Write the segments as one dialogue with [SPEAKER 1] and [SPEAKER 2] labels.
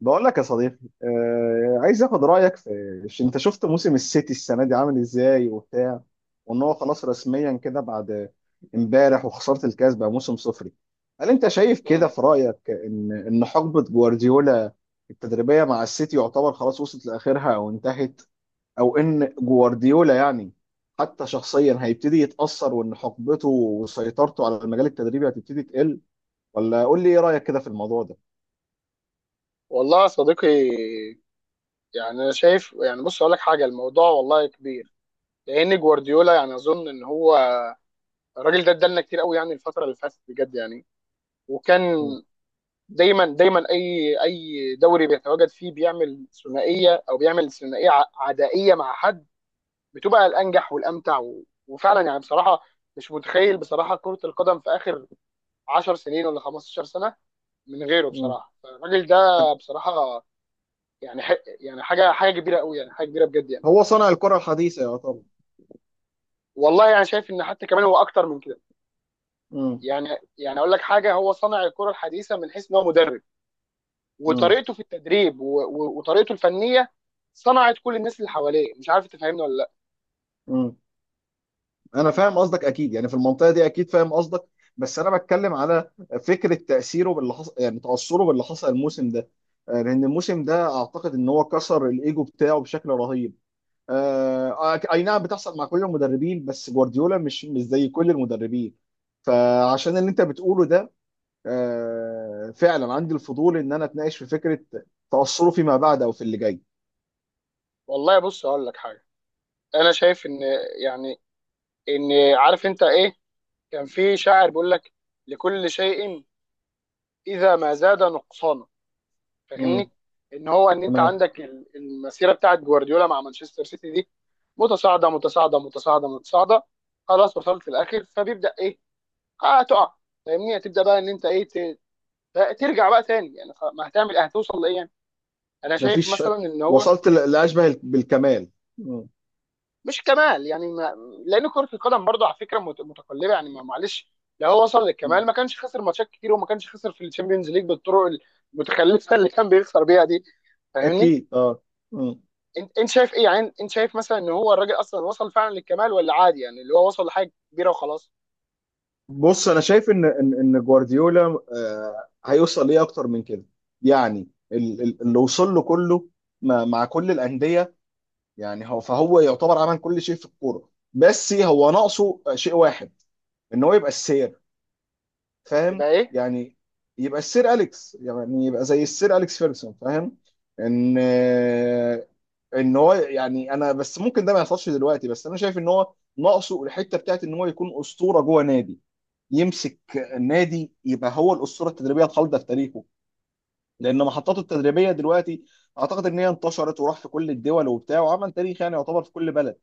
[SPEAKER 1] بقول لك يا صديقي. آه، عايز اخد رايك في انت شفت موسم السيتي السنه دي عامل ازاي وبتاع، وان هو خلاص رسميا كده بعد امبارح وخساره الكاس بقى موسم صفري. هل انت شايف كده،
[SPEAKER 2] مم.
[SPEAKER 1] في رايك ان حقبه جوارديولا التدريبيه مع السيتي يعتبر خلاص وصلت لاخرها او انتهت، او ان جوارديولا يعني حتى شخصيا هيبتدي يتاثر، وان حقبته وسيطرته على المجال التدريبي هتبتدي تقل؟ ولا قول لي ايه رايك كده في الموضوع ده؟
[SPEAKER 2] والله يا صديقي، يعني انا شايف، يعني بص اقول لك حاجه، الموضوع والله كبير. لان جوارديولا يعني اظن ان هو الراجل ده ادالنا كتير قوي، يعني الفتره اللي فاتت بجد يعني. وكان
[SPEAKER 1] مم.
[SPEAKER 2] دايما دايما اي دوري بيتواجد فيه بيعمل ثنائيه او بيعمل ثنائيه عدائيه مع حد بتبقى الانجح والامتع، وفعلا يعني بصراحه. مش متخيل بصراحه كره القدم في اخر 10 سنين ولا 15 سنه من غيره
[SPEAKER 1] مم.
[SPEAKER 2] بصراحه. فالراجل ده بصراحه يعني يعني حاجه كبيره قوي، يعني حاجه كبيره بجد يعني.
[SPEAKER 1] هو صنع الكرة الحديثة، يا طبعا.
[SPEAKER 2] والله يعني شايف ان حتى كمان هو اكتر من كده.
[SPEAKER 1] مم.
[SPEAKER 2] يعني يعني اقول لك حاجه، هو صنع الكره الحديثه من حيث ان هو مدرب،
[SPEAKER 1] مم.
[SPEAKER 2] وطريقته في التدريب وطريقته الفنيه صنعت كل الناس اللي حواليه. مش عارف تفهمني ولا لا.
[SPEAKER 1] مم. أنا فاهم قصدك أكيد، يعني في المنطقة دي أكيد فاهم قصدك، بس أنا بتكلم على فكرة تأثيره باللي حصل، يعني تأثره باللي حصل الموسم ده. آه، لأن الموسم ده أعتقد إن هو كسر الإيجو بتاعه بشكل رهيب. آه، أي نعم بتحصل مع كل المدربين، بس جوارديولا مش زي كل المدربين. فعشان اللي أنت بتقوله ده، آه، فعلا عندي الفضول إن أنا أتناقش في فكرة تأثره فيما بعد أو في اللي جاي.
[SPEAKER 2] والله بص اقول لك حاجه. انا شايف يعني ان عارف انت ايه، كان في شاعر بيقول لك: لكل شيء اذا ما زاد نقصانا. فاهمني؟
[SPEAKER 1] مم.
[SPEAKER 2] ان انت
[SPEAKER 1] تمام.
[SPEAKER 2] عندك المسيره بتاعت جوارديولا مع مانشستر سيتي دي متصاعده متصاعده متصاعده متصاعده، خلاص وصلت في الاخر فبيبدا ايه؟ اه، تقع. فاهمني؟ هتبدا بقى ان انت ايه، ترجع بقى تاني يعني، ما هتعمل ايه؟ هتوصل لايه يعني؟ انا شايف
[SPEAKER 1] مفيش.
[SPEAKER 2] مثلا ان هو
[SPEAKER 1] وصلت لاشبه بالكمال. مم.
[SPEAKER 2] مش كمال يعني، ما لان كره القدم برضه على فكره متقلبه يعني، معلش. لو هو وصل
[SPEAKER 1] مم.
[SPEAKER 2] للكمال ما كانش خسر ماتشات كتير وما كانش خسر في الشامبيونز ليج بالطرق المتخلفه اللي كان بيخسر بيها دي. فاهمني؟
[SPEAKER 1] اكيد، اه. مم.
[SPEAKER 2] انت شايف ايه يعني؟ انت شايف مثلا ان هو الراجل اصلا وصل فعلا للكمال، ولا عادي يعني اللي هو وصل لحاجه كبيره وخلاص؟
[SPEAKER 1] بص انا شايف ان جوارديولا آه هيوصل ليه اكتر من كده، يعني اللي وصل له كله مع كل الانديه. يعني هو فهو يعتبر عمل كل شيء في الكوره، بس هو ناقصه شيء واحد، ان هو يبقى السير، فاهم؟
[SPEAKER 2] يبقى ايه؟
[SPEAKER 1] يعني يبقى السير اليكس، يعني يبقى زي السير اليكس فيرسون، فاهم؟ ان آه، ان هو يعني انا بس ممكن ده ما يحصلش دلوقتي، بس انا شايف ان هو ناقصه الحته بتاعت ان هو يكون اسطوره جوه نادي، يمسك نادي يبقى هو الاسطوره التدريبيه الخالده في تاريخه. لان محطاته التدريبيه دلوقتي اعتقد ان هي انتشرت وراح في كل الدول وبتاع، وعمل تاريخ يعني يعتبر في كل بلد.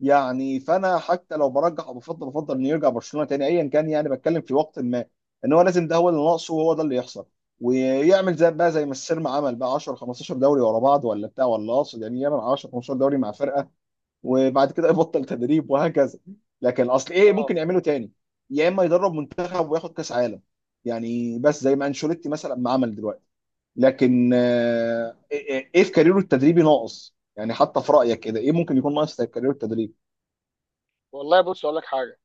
[SPEAKER 1] يعني فانا حتى لو برجح او بفضل انه يرجع برشلونه تاني ايا كان، يعني بتكلم في وقت ما، ان هو لازم ده هو اللي ناقصه وهو ده اللي يحصل، ويعمل زي بقى زي ما السيرما عمل بقى 10 15 دوري ورا بعض ولا بتاع، ولا اقصد يعني يعمل 10 15 دوري مع فرقه، وبعد كده يبطل تدريب وهكذا. لكن اصل ايه
[SPEAKER 2] اه
[SPEAKER 1] ممكن يعمله تاني؟ يا اما يدرب منتخب وياخد كاس عالم، يعني بس زي ما انشيلوتي مثلا ما عمل دلوقتي. لكن آه، ايه إيه إيه في كاريره التدريبي ناقص يعني، حتى في رايك كده ايه ممكن يكون ناقص في كاريره التدريب؟
[SPEAKER 2] والله بص اقول لك حاجه.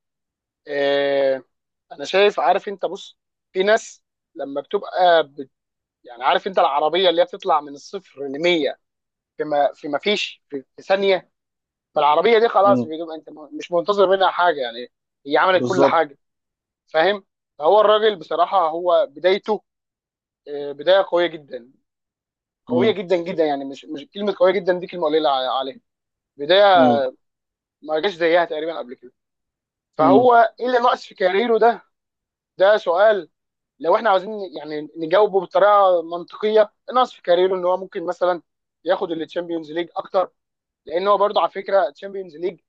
[SPEAKER 2] إيه، انا شايف، عارف انت، بص، في ناس لما بتبقى يعني، عارف انت العربيه اللي هي بتطلع من الصفر ل 100 في ما فيش، في ثانيه. فالعربيه دي خلاص
[SPEAKER 1] مم.
[SPEAKER 2] بتبقى انت مش منتظر منها حاجه يعني. هي عملت كل
[SPEAKER 1] بالظبط.
[SPEAKER 2] حاجه. فاهم؟ فهو الراجل بصراحه هو بدايته، بدايه قويه جدا، قويه
[SPEAKER 1] مم.
[SPEAKER 2] جدا جدا. يعني مش كلمه قويه جدا دي كلمه قليله عليها. بدايه
[SPEAKER 1] مم.
[SPEAKER 2] ما جاش زيها تقريبا قبل كده.
[SPEAKER 1] مم.
[SPEAKER 2] فهو ايه اللي ناقص في كاريره ده؟ ده سؤال. لو احنا عاوزين يعني نجاوبه بطريقه منطقيه، ناقص في كاريره ان هو ممكن مثلا ياخد التشامبيونز ليج اكتر. لان هو برضه على فكره تشامبيونز ليج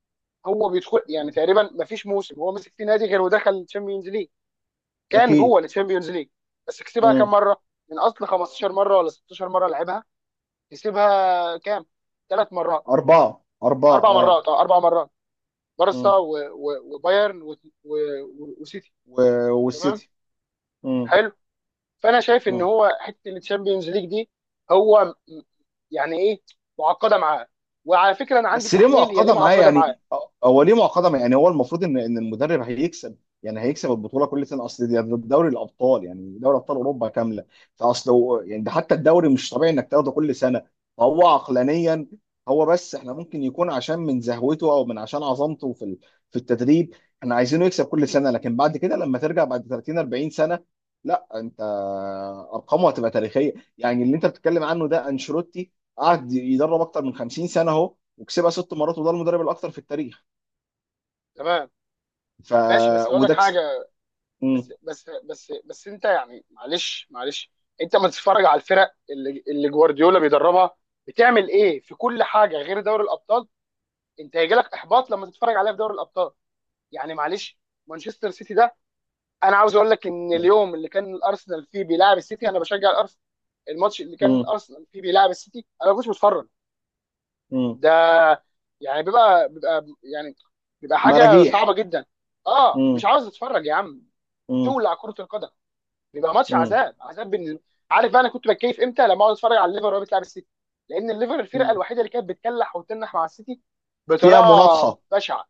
[SPEAKER 2] هو بيدخل، يعني تقريبا ما فيش موسم هو مسك فيه نادي غير ودخل التشامبيونز ليج، كان
[SPEAKER 1] اكيد.
[SPEAKER 2] جوه التشامبيونز ليج. بس كسبها كام
[SPEAKER 1] مم.
[SPEAKER 2] مره؟ من اصل 15 مره ولا 16 مره لعبها كسبها كام؟ ثلاث مرات.
[SPEAKER 1] اربعه، اربعه،
[SPEAKER 2] اربع
[SPEAKER 1] اه.
[SPEAKER 2] مرات، اه، اربع مرات. بارسا
[SPEAKER 1] مم.
[SPEAKER 2] وبايرن وسيتي. تمام.
[SPEAKER 1] والسيتي. مم.
[SPEAKER 2] حلو. فانا شايف ان
[SPEAKER 1] مم.
[SPEAKER 2] هو حته الشامبيونز ليج دي، هو م- يعني ايه، معقده معاه. وعلى فكره انا عندي
[SPEAKER 1] بس ليه
[SPEAKER 2] تحليل هي ليه
[SPEAKER 1] معقده معاه
[SPEAKER 2] معقده معاه.
[SPEAKER 1] يعني، هو ليه معقده معاه؟ يعني هو المفروض ان المدرب هيكسب، يعني هيكسب البطوله كل سنه، اصل دي ده دوري الابطال، يعني دوري ابطال اوروبا كامله. فاصل يعني ده حتى الدوري مش طبيعي انك تاخده كل سنه، فهو عقلانيا. هو بس احنا ممكن يكون عشان من زهوته او من عشان عظمته في في التدريب احنا عايزينه يكسب كل سنه، لكن بعد كده لما ترجع بعد 30 40 سنه، لا انت ارقامه هتبقى تاريخيه. يعني اللي انت بتتكلم عنه ده انشيلوتي قعد يدرب اكتر من 50 سنه اهو، وكسبها ست مرات، وده المدرب الاكثر في التاريخ.
[SPEAKER 2] تمام.
[SPEAKER 1] ف.
[SPEAKER 2] ماشي بس اقول لك
[SPEAKER 1] وده
[SPEAKER 2] حاجه.
[SPEAKER 1] كس... مم.
[SPEAKER 2] بس بس بس بس انت يعني، معلش معلش، انت ما تتفرج على الفرق اللي جوارديولا بيدربها بتعمل ايه في كل حاجه غير دوري الابطال. انت هيجي لك احباط لما تتفرج عليها في دوري الابطال. يعني معلش. مانشستر سيتي ده، انا عاوز اقول لك ان
[SPEAKER 1] مم.
[SPEAKER 2] اليوم اللي كان الارسنال فيه بيلعب السيتي انا بشجع الارسنال. الماتش اللي كان
[SPEAKER 1] مم.
[SPEAKER 2] الارسنال فيه بيلعب السيتي انا ما كنتش بتفرج.
[SPEAKER 1] مم.
[SPEAKER 2] ده يعني بيبقى حاجه صعبه
[SPEAKER 1] مراجيح.
[SPEAKER 2] جدا. اه مش
[SPEAKER 1] مم.
[SPEAKER 2] عاوز اتفرج يا عم.
[SPEAKER 1] مم.
[SPEAKER 2] تولع كره القدم. بيبقى ماتش
[SPEAKER 1] مم.
[SPEAKER 2] عذاب عذاب بالنسبه. عارف بقى انا كنت بتكيف امتى؟ لما اقعد اتفرج على الليفر وهو بتلعب السيتي، لان الليفر الفرقه
[SPEAKER 1] مم.
[SPEAKER 2] الوحيده اللي كانت بتكلح وتنح مع السيتي
[SPEAKER 1] فيها
[SPEAKER 2] بطريقه
[SPEAKER 1] مناطحة.
[SPEAKER 2] بشعه.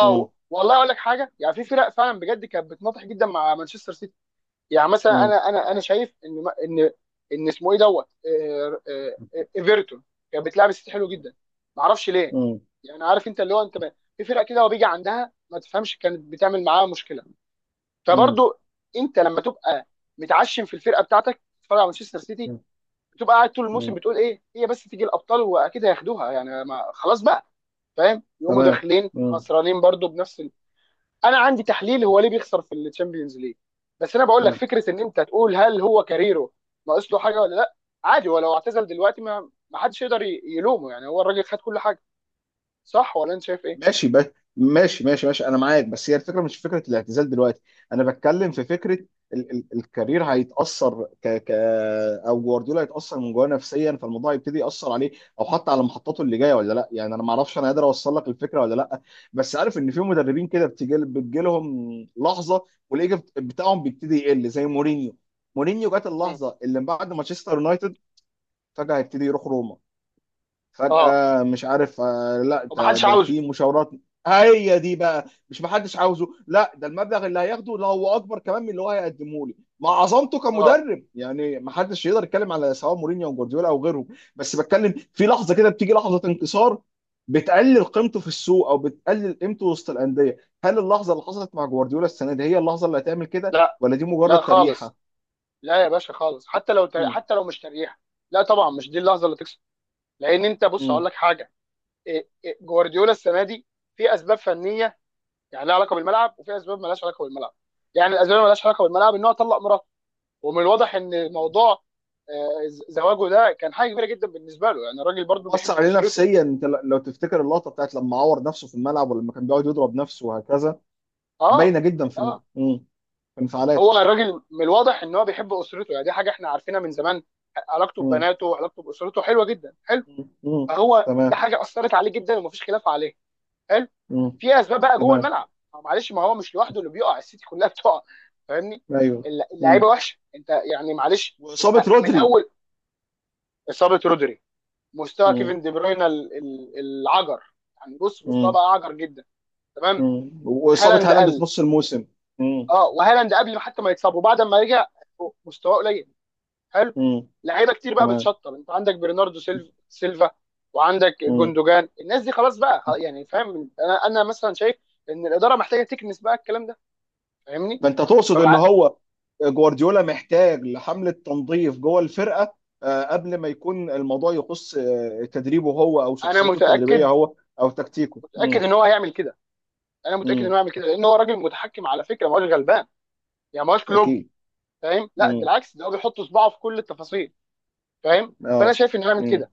[SPEAKER 1] مم.
[SPEAKER 2] والله اقول لك حاجه، يعني في فرق فعلا بجد كانت بتناطح جدا مع مانشستر سيتي. يعني مثلا
[SPEAKER 1] مم.
[SPEAKER 2] انا شايف ان ان اسمه ايه دوت ايفرتون كانت بتلعب السيتي حلو
[SPEAKER 1] مم.
[SPEAKER 2] جدا. ما اعرفش ليه.
[SPEAKER 1] مم.
[SPEAKER 2] يعني عارف انت اللي هو انت، في فرق كده وبيجي عندها ما تفهمش كانت بتعمل معاها مشكله.
[SPEAKER 1] مم.
[SPEAKER 2] فبرضو انت لما تبقى متعشم في الفرقه بتاعتك تتفرج على مانشستر سيتي، بتبقى قاعد طول الموسم
[SPEAKER 1] مم.
[SPEAKER 2] بتقول ايه هي بس تيجي الابطال واكيد هياخدوها، يعني ما خلاص بقى. فاهم؟ يقوموا
[SPEAKER 1] تمام.
[SPEAKER 2] داخلين
[SPEAKER 1] مم.
[SPEAKER 2] خسرانين برضو بنفس. انا عندي تحليل هو ليه بيخسر في الشامبيونز ليج، بس انا بقول لك
[SPEAKER 1] مم.
[SPEAKER 2] فكره، ان انت تقول هل هو كاريره ناقص له حاجه ولا لا؟ عادي، هو لو اعتزل دلوقتي ما حدش يقدر يلومه، يعني هو الراجل خد كل حاجه. صح ولا انت شايف ايه؟
[SPEAKER 1] ماشي بس. ماشي ماشي ماشي، انا معاك، بس هي الفكره مش فكره الاعتزال دلوقتي. انا بتكلم في فكره ال ال الكارير هيتاثر، ك ك او جوارديولا هيتاثر من جواه نفسيا، فالموضوع هيبتدي ياثر عليه او حتى على محطاته اللي جايه ولا لا. يعني انا ما اعرفش انا قادر اوصل لك الفكره ولا لا، بس عارف ان في مدربين كده بتجي لهم لحظه، والايجو بتاعهم بيبتدي يقل زي مورينيو. مورينيو جات
[SPEAKER 2] مم.
[SPEAKER 1] اللحظه اللي بعد مانشستر يونايتد، فجاه هيبتدي يروح روما،
[SPEAKER 2] اه.
[SPEAKER 1] فجأة مش عارف. آه، لا
[SPEAKER 2] وما
[SPEAKER 1] ده
[SPEAKER 2] حدش
[SPEAKER 1] ده
[SPEAKER 2] عاوزه.
[SPEAKER 1] في مشاورات. هي دي بقى. مش محدش عاوزه، لا ده المبلغ اللي هياخده ده هو اكبر كمان من اللي هو هيقدمه لي مع عظمته
[SPEAKER 2] اه.
[SPEAKER 1] كمدرب، يعني محدش يقدر يتكلم على سواء مورينيو او جوارديولا او غيرهم. بس بتكلم في لحظه كده، بتيجي لحظه انكسار، بتقلل قيمته في السوق او بتقلل قيمته وسط الانديه. هل اللحظه اللي حصلت مع جوارديولا السنه دي هي اللحظه اللي هتعمل كده،
[SPEAKER 2] لا
[SPEAKER 1] ولا دي مجرد
[SPEAKER 2] لا خالص.
[SPEAKER 1] تريحه؟
[SPEAKER 2] لا يا باشا خالص.
[SPEAKER 1] مم.
[SPEAKER 2] حتى لو مش تريح. لا طبعا مش دي اللحظه اللي تكسب. لان انت بص هقول
[SPEAKER 1] مم.
[SPEAKER 2] لك حاجه. إيه- إيه، جوارديولا السنه دي في اسباب فنيه، يعني لها علاقه بالملعب، وفي اسباب مالهاش علاقه بالملعب. يعني الاسباب اللي مالهاش علاقه بالملعب ان هو طلق. ومن الواضح ان موضوع زواجه ده كان حاجه كبيره جدا بالنسبه له، يعني الراجل برضه
[SPEAKER 1] ومأثر
[SPEAKER 2] بيحب
[SPEAKER 1] عليه
[SPEAKER 2] اسرته.
[SPEAKER 1] نفسيا، انت لو تفتكر اللقطه بتاعت لما عور نفسه في الملعب ولما كان بيقعد يضرب نفسه وهكذا،
[SPEAKER 2] اه.
[SPEAKER 1] باينه جدا في الم...
[SPEAKER 2] اه.
[SPEAKER 1] مم. في انفعالاته.
[SPEAKER 2] هو الراجل من الواضح ان هو بيحب اسرته، يعني دي حاجه احنا عارفينها من زمان. علاقته
[SPEAKER 1] مم.
[SPEAKER 2] ببناته وعلاقته باسرته حلوه جدا. حلو.
[SPEAKER 1] مم. مم.
[SPEAKER 2] فهو ده
[SPEAKER 1] تمام.
[SPEAKER 2] حاجه اثرت عليه جدا ومفيش خلاف عليه. حلو.
[SPEAKER 1] مم.
[SPEAKER 2] في اسباب بقى جوه
[SPEAKER 1] تمام.
[SPEAKER 2] الملعب. معلش، ما هو مش لوحده اللي بيقع، السيتي كلها بتقع. فاهمني؟
[SPEAKER 1] ايوه.
[SPEAKER 2] الل-
[SPEAKER 1] مم.
[SPEAKER 2] اللعيبه وحشه انت يعني، معلش.
[SPEAKER 1] واصابه
[SPEAKER 2] من
[SPEAKER 1] رودري.
[SPEAKER 2] اول اصابه رودري. مستوى
[SPEAKER 1] مم.
[SPEAKER 2] كيفن دي بروين العجر. يعني بص مستواه
[SPEAKER 1] مم.
[SPEAKER 2] بقى عجر جدا. تمام.
[SPEAKER 1] مم. واصابه
[SPEAKER 2] هالاند
[SPEAKER 1] هالاند في
[SPEAKER 2] قل.
[SPEAKER 1] نص الموسم. مم.
[SPEAKER 2] اه، وهالاند قبل ما حتى ما يتصاب وبعد ما رجع مستواه قليل. حلو.
[SPEAKER 1] مم.
[SPEAKER 2] لعيبه كتير بقى
[SPEAKER 1] تمام.
[SPEAKER 2] بتشطب، انت عندك برناردو سيلفا، وعندك
[SPEAKER 1] مم.
[SPEAKER 2] جوندوجان. الناس دي خلاص بقى، يعني فاهم. انا مثلا شايف ان الاداره محتاجه تكنس بقى الكلام ده. فاهمني؟
[SPEAKER 1] فانت تقصد ان
[SPEAKER 2] فبقى
[SPEAKER 1] هو جوارديولا محتاج لحملة تنظيف جوه الفرقة، آه، قبل ما يكون الموضوع يخص آه، تدريبه هو او
[SPEAKER 2] انا
[SPEAKER 1] شخصيته التدريبية
[SPEAKER 2] متاكد.
[SPEAKER 1] هو او تكتيكه.
[SPEAKER 2] متاكد
[SPEAKER 1] امم.
[SPEAKER 2] ان هو هيعمل كده. انا متاكد ان
[SPEAKER 1] امم.
[SPEAKER 2] هو هيعمل كده لان هو راجل متحكم على فكره، ما هوش غلبان يعني، ما هوش كلوب.
[SPEAKER 1] اكيد.
[SPEAKER 2] فاهم؟ لا ده
[SPEAKER 1] امم.
[SPEAKER 2] العكس، ده هو بيحط صباعه في كل التفاصيل. فاهم؟ فانا
[SPEAKER 1] اه.
[SPEAKER 2] شايف ان هو يعمل
[SPEAKER 1] امم.
[SPEAKER 2] كده.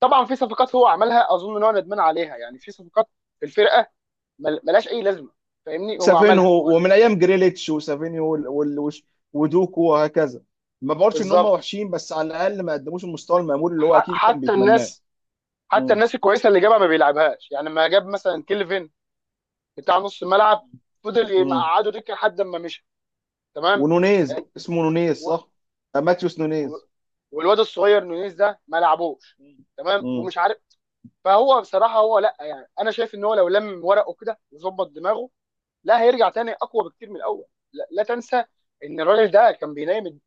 [SPEAKER 2] طبعا في صفقات هو عملها اظن ان هو ندمان عليها. يعني في صفقات في الفرقه ملهاش اي لازمه. فاهمني؟ هو عملها هو.
[SPEAKER 1] سافينهو ومن ايام جريليتش وسافينيو ودوكو وهكذا، ما بقولش ان هم
[SPEAKER 2] بالظبط.
[SPEAKER 1] وحشين بس على الاقل ما قدموش المستوى المأمول اللي هو
[SPEAKER 2] ح-
[SPEAKER 1] اكيد كان
[SPEAKER 2] حتى
[SPEAKER 1] بيتمناه.
[SPEAKER 2] الناس حتى
[SPEAKER 1] امم.
[SPEAKER 2] الناس الكويسه اللي جابها ما بيلعبهاش. يعني ما جاب مثلا كيلفن بتاع نص الملعب، فضل
[SPEAKER 1] امم.
[SPEAKER 2] يقعده دكه لحد ما مشي. تمام.
[SPEAKER 1] ونونيز،
[SPEAKER 2] آه،
[SPEAKER 1] اسمه نونيز
[SPEAKER 2] و-
[SPEAKER 1] صح؟ آه، ماتيوس
[SPEAKER 2] و-
[SPEAKER 1] نونيز.
[SPEAKER 2] والواد الصغير نونيز ده ما لعبوش. تمام،
[SPEAKER 1] امم.
[SPEAKER 2] ومش عارف. فهو بصراحه هو، لا يعني انا شايف ان هو لو لم ورقه كده وظبط دماغه، لا هيرجع تاني اقوى بكتير من الاول. لا, لا تنسى ان الراجل ده كان بينام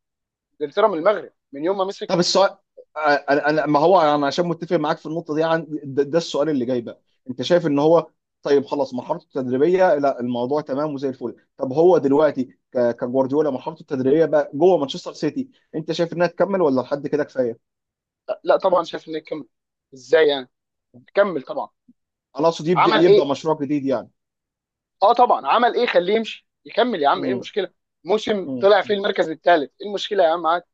[SPEAKER 2] انجلترا من المغرب من يوم ما
[SPEAKER 1] طب
[SPEAKER 2] مسك.
[SPEAKER 1] السؤال، آه، انا ما هو انا عشان متفق معاك في النقطه دي عن ده. ده السؤال اللي جاي بقى، انت شايف ان هو طيب خلاص مرحلته التدريبيه لا، الموضوع تمام وزي الفل. طب هو دلوقتي كجوارديولا مرحلته التدريبيه بقى جوه مانشستر سيتي، انت شايف انها تكمل ولا لحد كده كفايه؟
[SPEAKER 2] لا طبعا شايف انه يكمل. ازاي يعني؟ كمل طبعا،
[SPEAKER 1] انا اقصد يبدا
[SPEAKER 2] عمل ايه.
[SPEAKER 1] مشروع جديد يعني.
[SPEAKER 2] اه طبعا، عمل ايه، خليه يمشي يكمل يا عم، ايه
[SPEAKER 1] مم.
[SPEAKER 2] المشكله؟ موسم
[SPEAKER 1] مم.
[SPEAKER 2] طلع فيه المركز الثالث، ايه المشكله يا عم؟ عادي.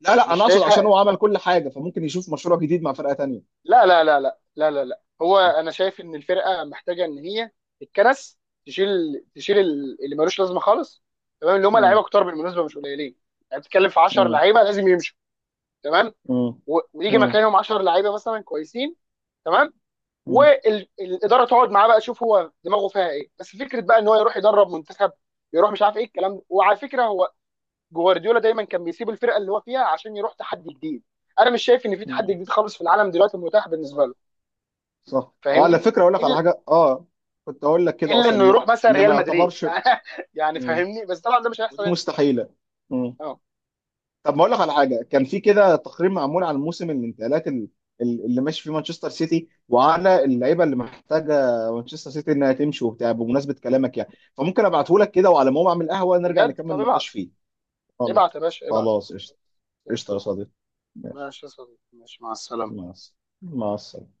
[SPEAKER 1] لا لا،
[SPEAKER 2] مش
[SPEAKER 1] انا اقصد عشان
[SPEAKER 2] شايفها.
[SPEAKER 1] هو عمل كل حاجه فممكن يشوف مشروع جديد مع فرقه تانيه.
[SPEAKER 2] لا لا لا لا لا لا لا. هو انا شايف ان الفرقه محتاجه ان هي الكنس، تشيل تشيل اللي ملوش لازمه خالص. تمام، اللي هم
[SPEAKER 1] مم.
[SPEAKER 2] لعيبه كتار بالمناسبه، مش قليلين. يعني بتتكلم في 10
[SPEAKER 1] مم.
[SPEAKER 2] لعيبه لازم يمشوا. تمام.
[SPEAKER 1] مم.
[SPEAKER 2] ويجي
[SPEAKER 1] مم.
[SPEAKER 2] مكانهم 10 لعيبه مثلا كويسين. تمام.
[SPEAKER 1] مم.
[SPEAKER 2] والاداره تقعد معاه بقى تشوف هو دماغه فيها ايه، بس فكره بقى ان هو يروح يدرب منتخب، يروح مش عارف ايه الكلام ده. وعلى فكره هو جوارديولا دايما كان بيسيب الفرقه اللي هو فيها عشان يروح تحدي جديد، انا مش شايف ان في تحدي
[SPEAKER 1] مم.
[SPEAKER 2] جديد خالص في العالم دلوقتي متاح بالنسبه
[SPEAKER 1] صح.
[SPEAKER 2] له.
[SPEAKER 1] صح، اه، على
[SPEAKER 2] فاهمني؟
[SPEAKER 1] فكره اقول لك على
[SPEAKER 2] الا
[SPEAKER 1] حاجه، اه، كنت اقول لك كده
[SPEAKER 2] إلا
[SPEAKER 1] اصلا
[SPEAKER 2] انه
[SPEAKER 1] ان
[SPEAKER 2] يروح مثلا
[SPEAKER 1] ان ما
[SPEAKER 2] ريال مدريد
[SPEAKER 1] يعتبرش.
[SPEAKER 2] يعني. يعني
[SPEAKER 1] مم.
[SPEAKER 2] فاهمني، بس طبعا ده مش هيحصل
[SPEAKER 1] ودي
[SPEAKER 2] يعني.
[SPEAKER 1] مستحيله. مم.
[SPEAKER 2] اه.
[SPEAKER 1] طب ما اقول لك على حاجه، كان في كده تقرير معمول عن موسم الانتقالات اللي ماشي فيه مانشستر سيتي وعلى اللعيبه اللي محتاجه مانشستر سيتي انها تمشي وبتاع، بمناسبه كلامك يعني فممكن ابعته لك كده، وعلى ما اقوم اعمل قهوه نرجع
[SPEAKER 2] بجد؟
[SPEAKER 1] نكمل
[SPEAKER 2] طب
[SPEAKER 1] النقاش
[SPEAKER 2] ابعت.
[SPEAKER 1] فيه. والله.
[SPEAKER 2] ابعت يا باشا، ابعت.
[SPEAKER 1] خلاص، قشطه.
[SPEAKER 2] زي
[SPEAKER 1] قشطه يا
[SPEAKER 2] الفل.
[SPEAKER 1] صديقي. ماشي.
[SPEAKER 2] ماشي يا صديقي، ماشي، مع السلامة.
[SPEAKER 1] مع السلامه، مع السلامه.